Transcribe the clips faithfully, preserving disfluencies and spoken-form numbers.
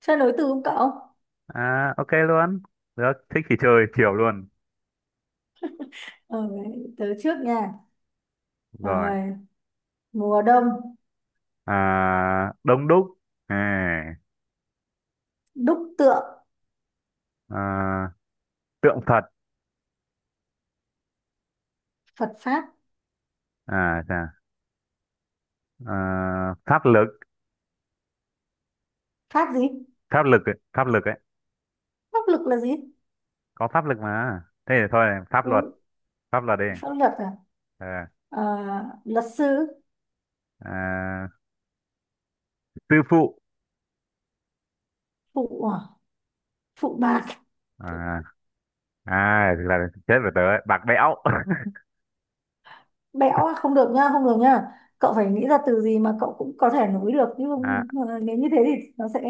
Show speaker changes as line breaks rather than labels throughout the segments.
Chơi nối từ không cậu?
À, ok luôn. Được, thích thì chơi chiều luôn.
Ờ, tớ trước nha.
Rồi.
Rồi, mùa đông,
À, đông đúc. À,
đúc tượng,
à, tượng Phật.
Phật Pháp.
À, chà. À, pháp lực.
Pháp gì?
Pháp lực ấy. Pháp lực ấy.
Pháp lực là gì?
Có pháp lực mà. Thế thì thôi, pháp
Ừ,
luật. Pháp luật đi.
pháp luật à?
Ờ,
Ờ, luật sư,
à, sư phụ.
phụ, à? Phụ bạc,
À, à, thực là chết rồi tớ ấy. Bạc bẽo.
bẽo à? Không được nha, không được nha. Cậu phải nghĩ ra từ gì mà cậu cũng có thể nối được. Nhưng
À,
không, nếu như thế thì nó sẽ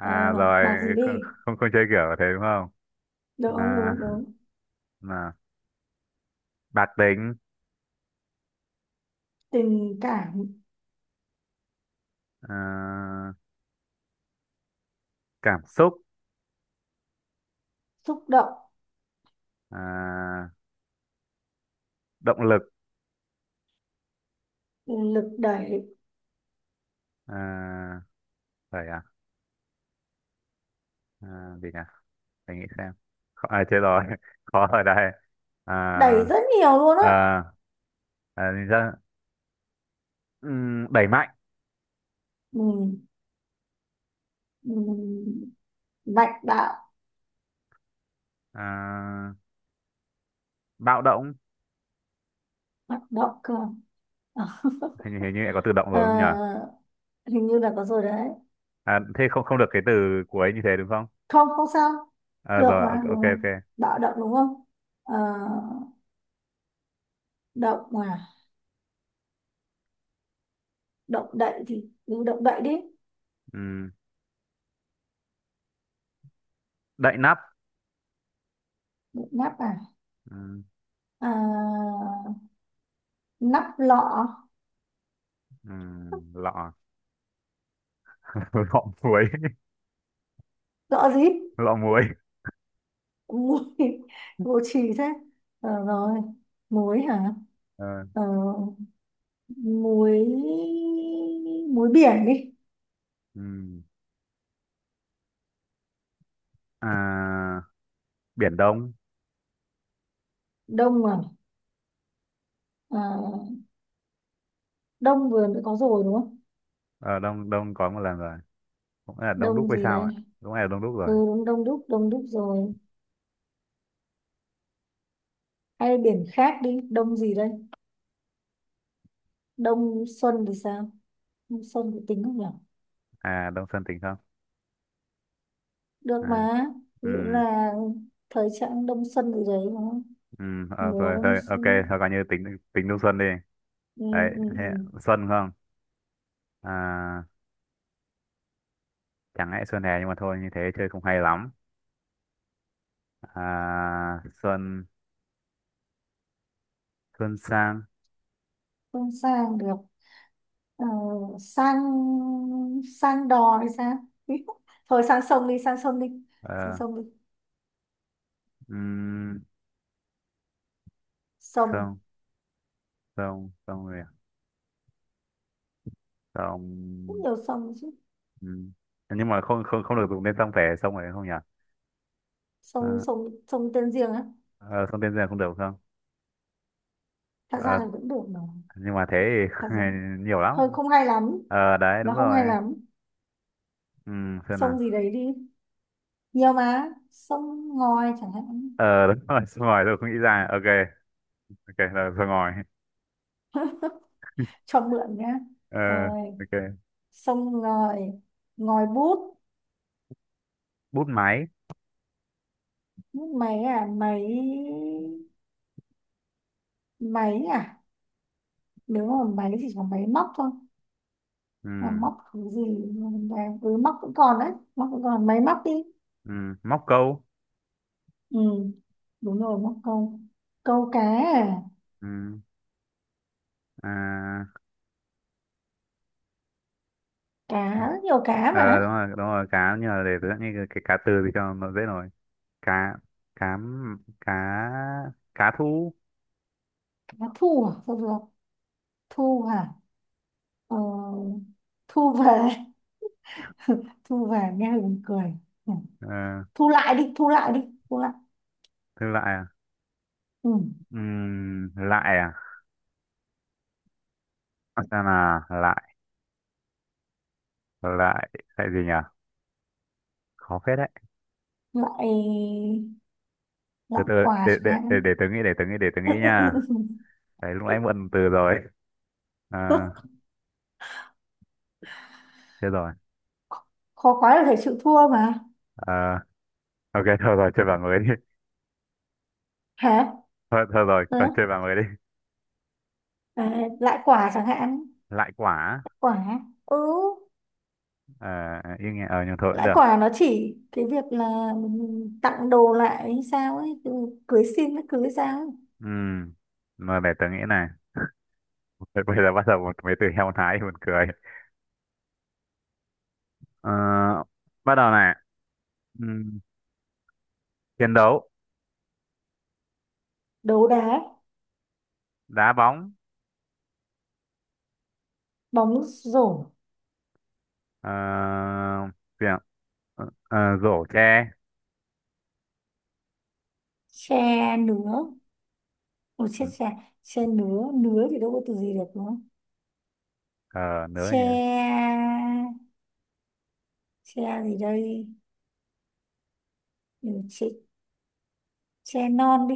ờ, bạc gì
rồi, không,
đi.
không, không chơi kiểu thế đúng không?
Đúng, đúng,
À,
đúng. Đúng.
mà, bạc tính.
Tình cảm,
À, cảm xúc.
xúc động,
À, động lực.
lực đẩy,
À, phải à, à gì nhỉ, phải nghĩ xem. Khó, à, thế rồi khó ở đây.
đẩy rất
à,
nhiều luôn á.
à, à, thì ra, ừm, đẩy mạnh.
Ừ, ừ, mạnh bạo,
À, bạo động.
hoạt động cơ à,
Hình, hình như lại có từ động rồi đúng không nhỉ?
ờ, hình như là có rồi đấy.
À, thế không không được cái từ cuối như thế đúng không?
Không, không sao.
À,
Được
rồi, ok
mà, được
ok
mà.
ok.
Bạo động đúng không? Ờ, động à, động đậy thì cứ động đậy đi.
Ừm, đậy nắp.
Động nắp à,
Ừm,
à nắp lọ.
ừm, lọ. Lọ muối.
Lọ gì?
Lọ muối.
Mùi vô trì thế. Ờ, rồi muối hả?
Ờ,
Ờ, muối, muối biển đi.
ừm. À, biển đông.
Đông à? Ờ, đông vừa mới có rồi đúng không?
Ờ, đông đông có một lần rồi, cũng là Đông Đúc
Đông
hay
gì
sao
đây?
ạ? Đúng là Đông Đúc
Ừ,
rồi.
đúng, đông đúc, đông đúc rồi. Hay biển khác đi, đông gì đây? Đông xuân thì sao? Đông xuân thì tính không nhỉ?
À, Đông Xuân tính không?
Được
À,
mà. Ví dụ
ừ,
là thời trạng đông xuân gì đấy đúng không?
ừ, ờ,
Mùa
rồi
đông
thôi ok.
xuân.
Thôi coi như tính tính Đông Xuân đi.
Ừ,
Đấy
ừ,
thế,
ừ.
Xuân không. À, chẳng lẽ Xuân hè, nhưng mà thôi như thế chơi cũng hay lắm. À, Xuân, Xuân sang.
Không sang được. Ờ, sang, sang đò hay sao? Thôi sang sông đi, sang sông đi, sang
Ờ,
sông đi.
um, sông.
Sông,
Sông sông rồi à?
rất
Sông.
nhiều sông chứ.
Ừm. Nhưng mà không không không được dùng tên sông phải, sông phải không nhỉ?
Sông,
À,
sông, sông tên riêng á.
ờ, sông tên giang không được không?
Thật ra
Ờ,
là vẫn được mà.
nhưng mà thế thì
Thật ra
nhiều
hơi
lắm.
không hay lắm.
Ờ đấy,
Nó
đúng
không hay
rồi.
lắm.
Ừ, xem nào.
Sông gì đấy đi, nhiều mà, sông ngòi chẳng hạn.
Ờ, đúng rồi, sơ ngòi tôi không nghĩ ra, ok. Ok là sơ ngòi.
Cho mượn nhá.
Ờ,
Rồi,
ok.
sông ngòi, ngòi bút.
Bút máy.
Bút máy à? Máy, máy à, nếu mà máy thì chỉ có máy móc thôi.
Ừ,
Mà móc cái gì? mà- ừ, móc cũng còn đấy, móc cũng còn, máy móc đi.
ừ, móc câu.
Ừ, đúng rồi, móc câu. Câu cá à?
Ừ, à,
Cá, nhiều cá
ờ
mà.
đúng rồi, đúng rồi, cá, nhưng mà để tôi nghĩ cái, cái cá từ thì cho nó dễ rồi. Cá, cá m- cá, cá thu.
Cá thu à, thôi được. Thu à, ờ, thu về. Thu về nghe buồn cười. Ừ.
Ờ,
Thu lại đi, thu lại đi, thu lại.
thư lại à?
Ừ.
Ừ, lại à? Xem là lại. Lại. Lại gì nhỉ? Khó phết đấy.
Lại,
Từ
lại
từ,
quà
để để
chẳng
để
hạn.
để tớ nghĩ, để tớ nghĩ, để tớ nghĩ nha. Đấy, lúc nãy mượn từ rồi. À, chết rồi.
Khó quá là phải chịu thua mà.
À, ok thôi rồi, chơi bảng mới đi.
Hả?
Thôi thôi rồi,
Ừ.
coi chơi bảng mới đi.
À, lại quả chẳng hạn.
Lại quả.
Quả. Ừ.
À, yên nghe, ờ nhưng thôi cũng
Lại
được.
quả nó chỉ cái việc là mình tặng đồ lại hay sao ấy, ừ, cưới xin nó cưới sao ấy.
Ừm, mà để tớ nghĩ này. Thôi, bây giờ bắt đầu một mấy từ heo thái thì buồn cười. Ờ, bắt đầu này. Ừm, chiến đấu.
Đấu đá,
Đá bóng.
bóng rổ,
Ờ, gì ạ? Ờ, ờ, rổ tre.
tre nứa. Ồ chết, tre, tre nứa, nứa thì đâu có từ gì được đúng không?
Uh, nữa nhỉ.
Tre, tre gì đây? Ừ, tre. Tre non đi.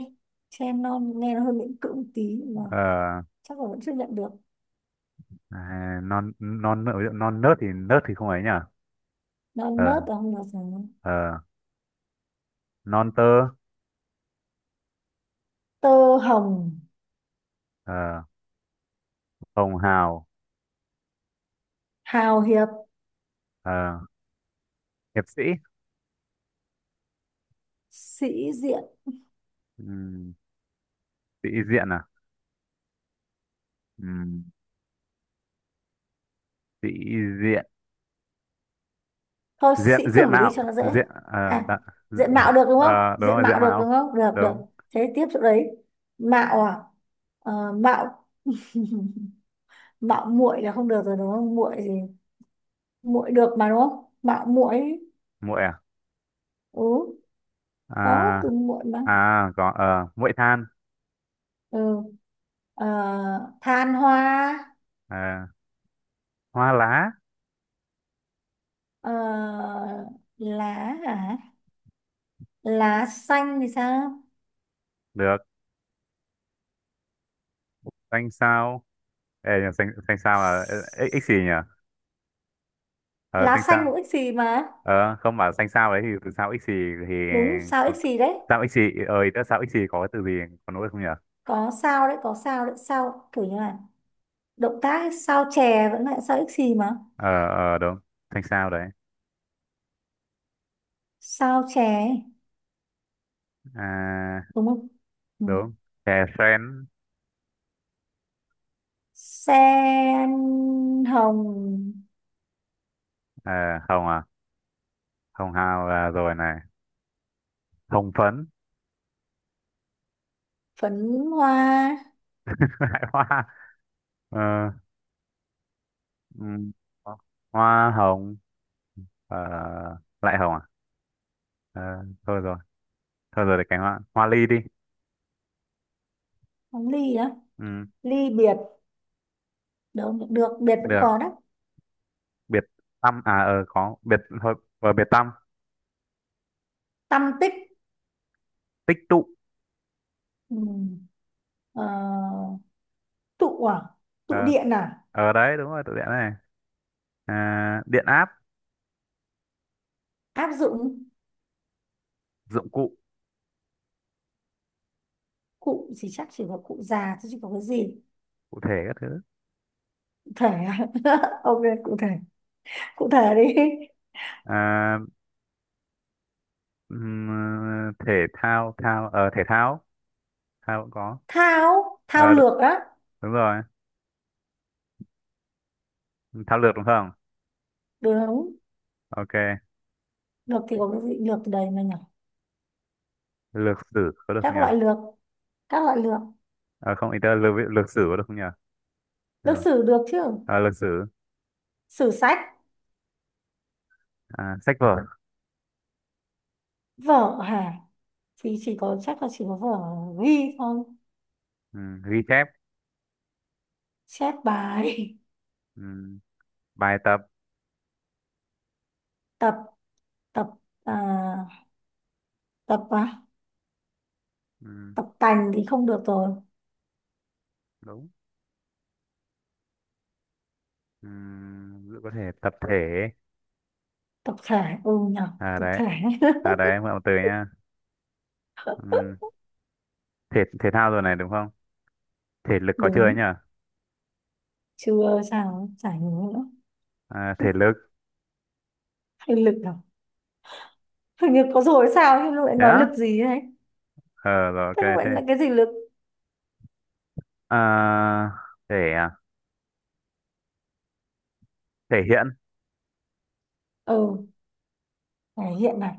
Tre non nghe nó hơi miễn cưỡng một tí nhưng mà
Ờ,
chắc là vẫn chấp nhận được.
à, non, non nớt non nớt thì nớt thì không ấy nhỉ?
Non
ờ
nớt là không được rồi.
ờ non tơ.
Tơ hồng,
Ờ, hồng hào.
hào hiệp,
Ờ, hiệp sĩ.
sĩ diện.
Ừm, sĩ diện à? Ừm, sĩ diện,
Thôi
diện,
sĩ
diện
tử đi cho
mạo
nó dễ.
diện, ờ
À,
đã- diện,
diện mạo được đúng không?
ờ, đúng
Diện
rồi, diện
mạo được đúng
mạo.
không? Được, được.
Đúng.
Thế tiếp chỗ đấy. Mạo à? Ờ, mạo, mạo muội là không được rồi đúng không? Muội gì? Muội được mà đúng không? Mạo muội.
Muội à?
Ừ, có
À,
từ muội mà.
à có, ờ muội than.
Ừ. Ờ, than hoa.
Ờ, hoa lá.
Ờ, lá à, lá xanh thì sao?
Được, xanh sao. Ê, nhờ, xanh xanh sao là x, x xì nhỉ. Ờ,
Lá
xanh
xanh
sao.
cũng ích xì mà.
Ờ, không, bảo xanh sao ấy thì từ sao x xì thì
Đúng, sao
có
ích xì đấy.
sao ích xì. Ơi, đã sao ích xì có cái từ gì, có nỗi không nhỉ?
Có sao đấy, có sao đấy, sao kiểu như là động tác sao chè vẫn lại sao ích xì mà.
Ờ ờ đúng, thanh sao đấy.
Sao chè ấy,
À,
đúng không? Ừ.
đúng. Chè sen.
Sen hồng
Ờ, hồng à? Hồng hào là rồi này. Hồng phấn.
phấn hoa.
Lại hoa. Ờ, ừm, hoa hồng. Ờ, lại hồng à? Ờ, thôi rồi, thôi rồi, để cái hoa hoa ly đi.
Bóng ly á,
Ừ,
ly biệt. Đâu được, được, biệt vẫn
được,
có đấy.
biệt tâm à? Ờ, có biệt thôi, và biệt tâm.
Tâm tích.
Tích tụ.
Ừ. Ờ, tụ à, tụ
ờ
điện à.
ờ đấy đúng rồi, tụ điện này. À, điện áp.
Áp dụng,
Dụng cụ.
cụ gì, chắc chỉ có cụ già chứ chỉ có cái gì.
Cụ thể các thứ.
Thể à? Ok, cụ thể, cụ thể đi.
À, ừm, ờ, thể thao, thao, ờ thể thao, thao cũng có.
Thao, thao
Ờ, đ-
lược á.
đúng rồi, thao lược đúng không?
Đúng.
Ok.
Lược thì có cái gì lược từ đấy mà nhỉ?
Lược sử có được không
Các
nhỉ?
loại lược, các loại lược,
Ờ, không, ý tớ lược, lược sử có được không nhỉ?
lược
Được.
sử được chứ.
Ờ, lược sử.
Sử sách,
À, sách vở.
vở hả? Thì chỉ có, chắc là chỉ có vở ghi thôi.
Ừm, ghi chép.
Chép bài.
Ừm, bài tập.
Tập, tập, à, tập à?
Ừm,
Tập tành thì không được rồi.
đúng. Ừm, giữ- có thể tập thể.
Tập thể, ừ nhỉ,
À
tập
đấy,
thể.
à đấy em gọi một từ nha. Ừm, thể thể thao rồi này đúng không, thể lực có chưa ấy
Đúng.
nhỉ?
Chưa sao chả nhớ nữa.
À, thể lực.
Hay lực à? Hình như có rồi sao nhưng lại
Thế
nói
á?
lực gì đấy.
Ờ rồi,
Thế
ok.
gọi
Thế.
là cái gì lực?
À, thể à? Thể hiện.
Ừ, này hiện, này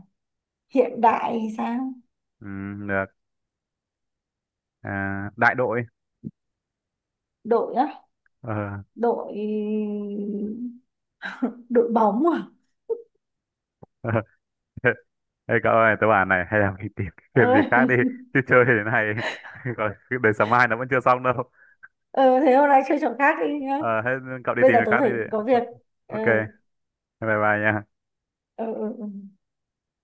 hiện đại hay sao.
Ừ, được. À, đại đội.
Đội á,
Ờ.
đội. Đội bóng à.
Ê cậu ơi, tớ bảo này, hay là mình tìm cái game gì khác đi,
Ừ.
chứ chơi thế này còn cái đời sáng mai nó vẫn chưa xong đâu.
Ừ, thế hôm nay chơi trò khác đi nhá.
Ờ thế, cậu đi
Bây
tìm
giờ
việc
tớ
khác đi.
phải có
Ờ,
việc. Ừ,
ok, bye bye nha.
ừ, ừ, ừ.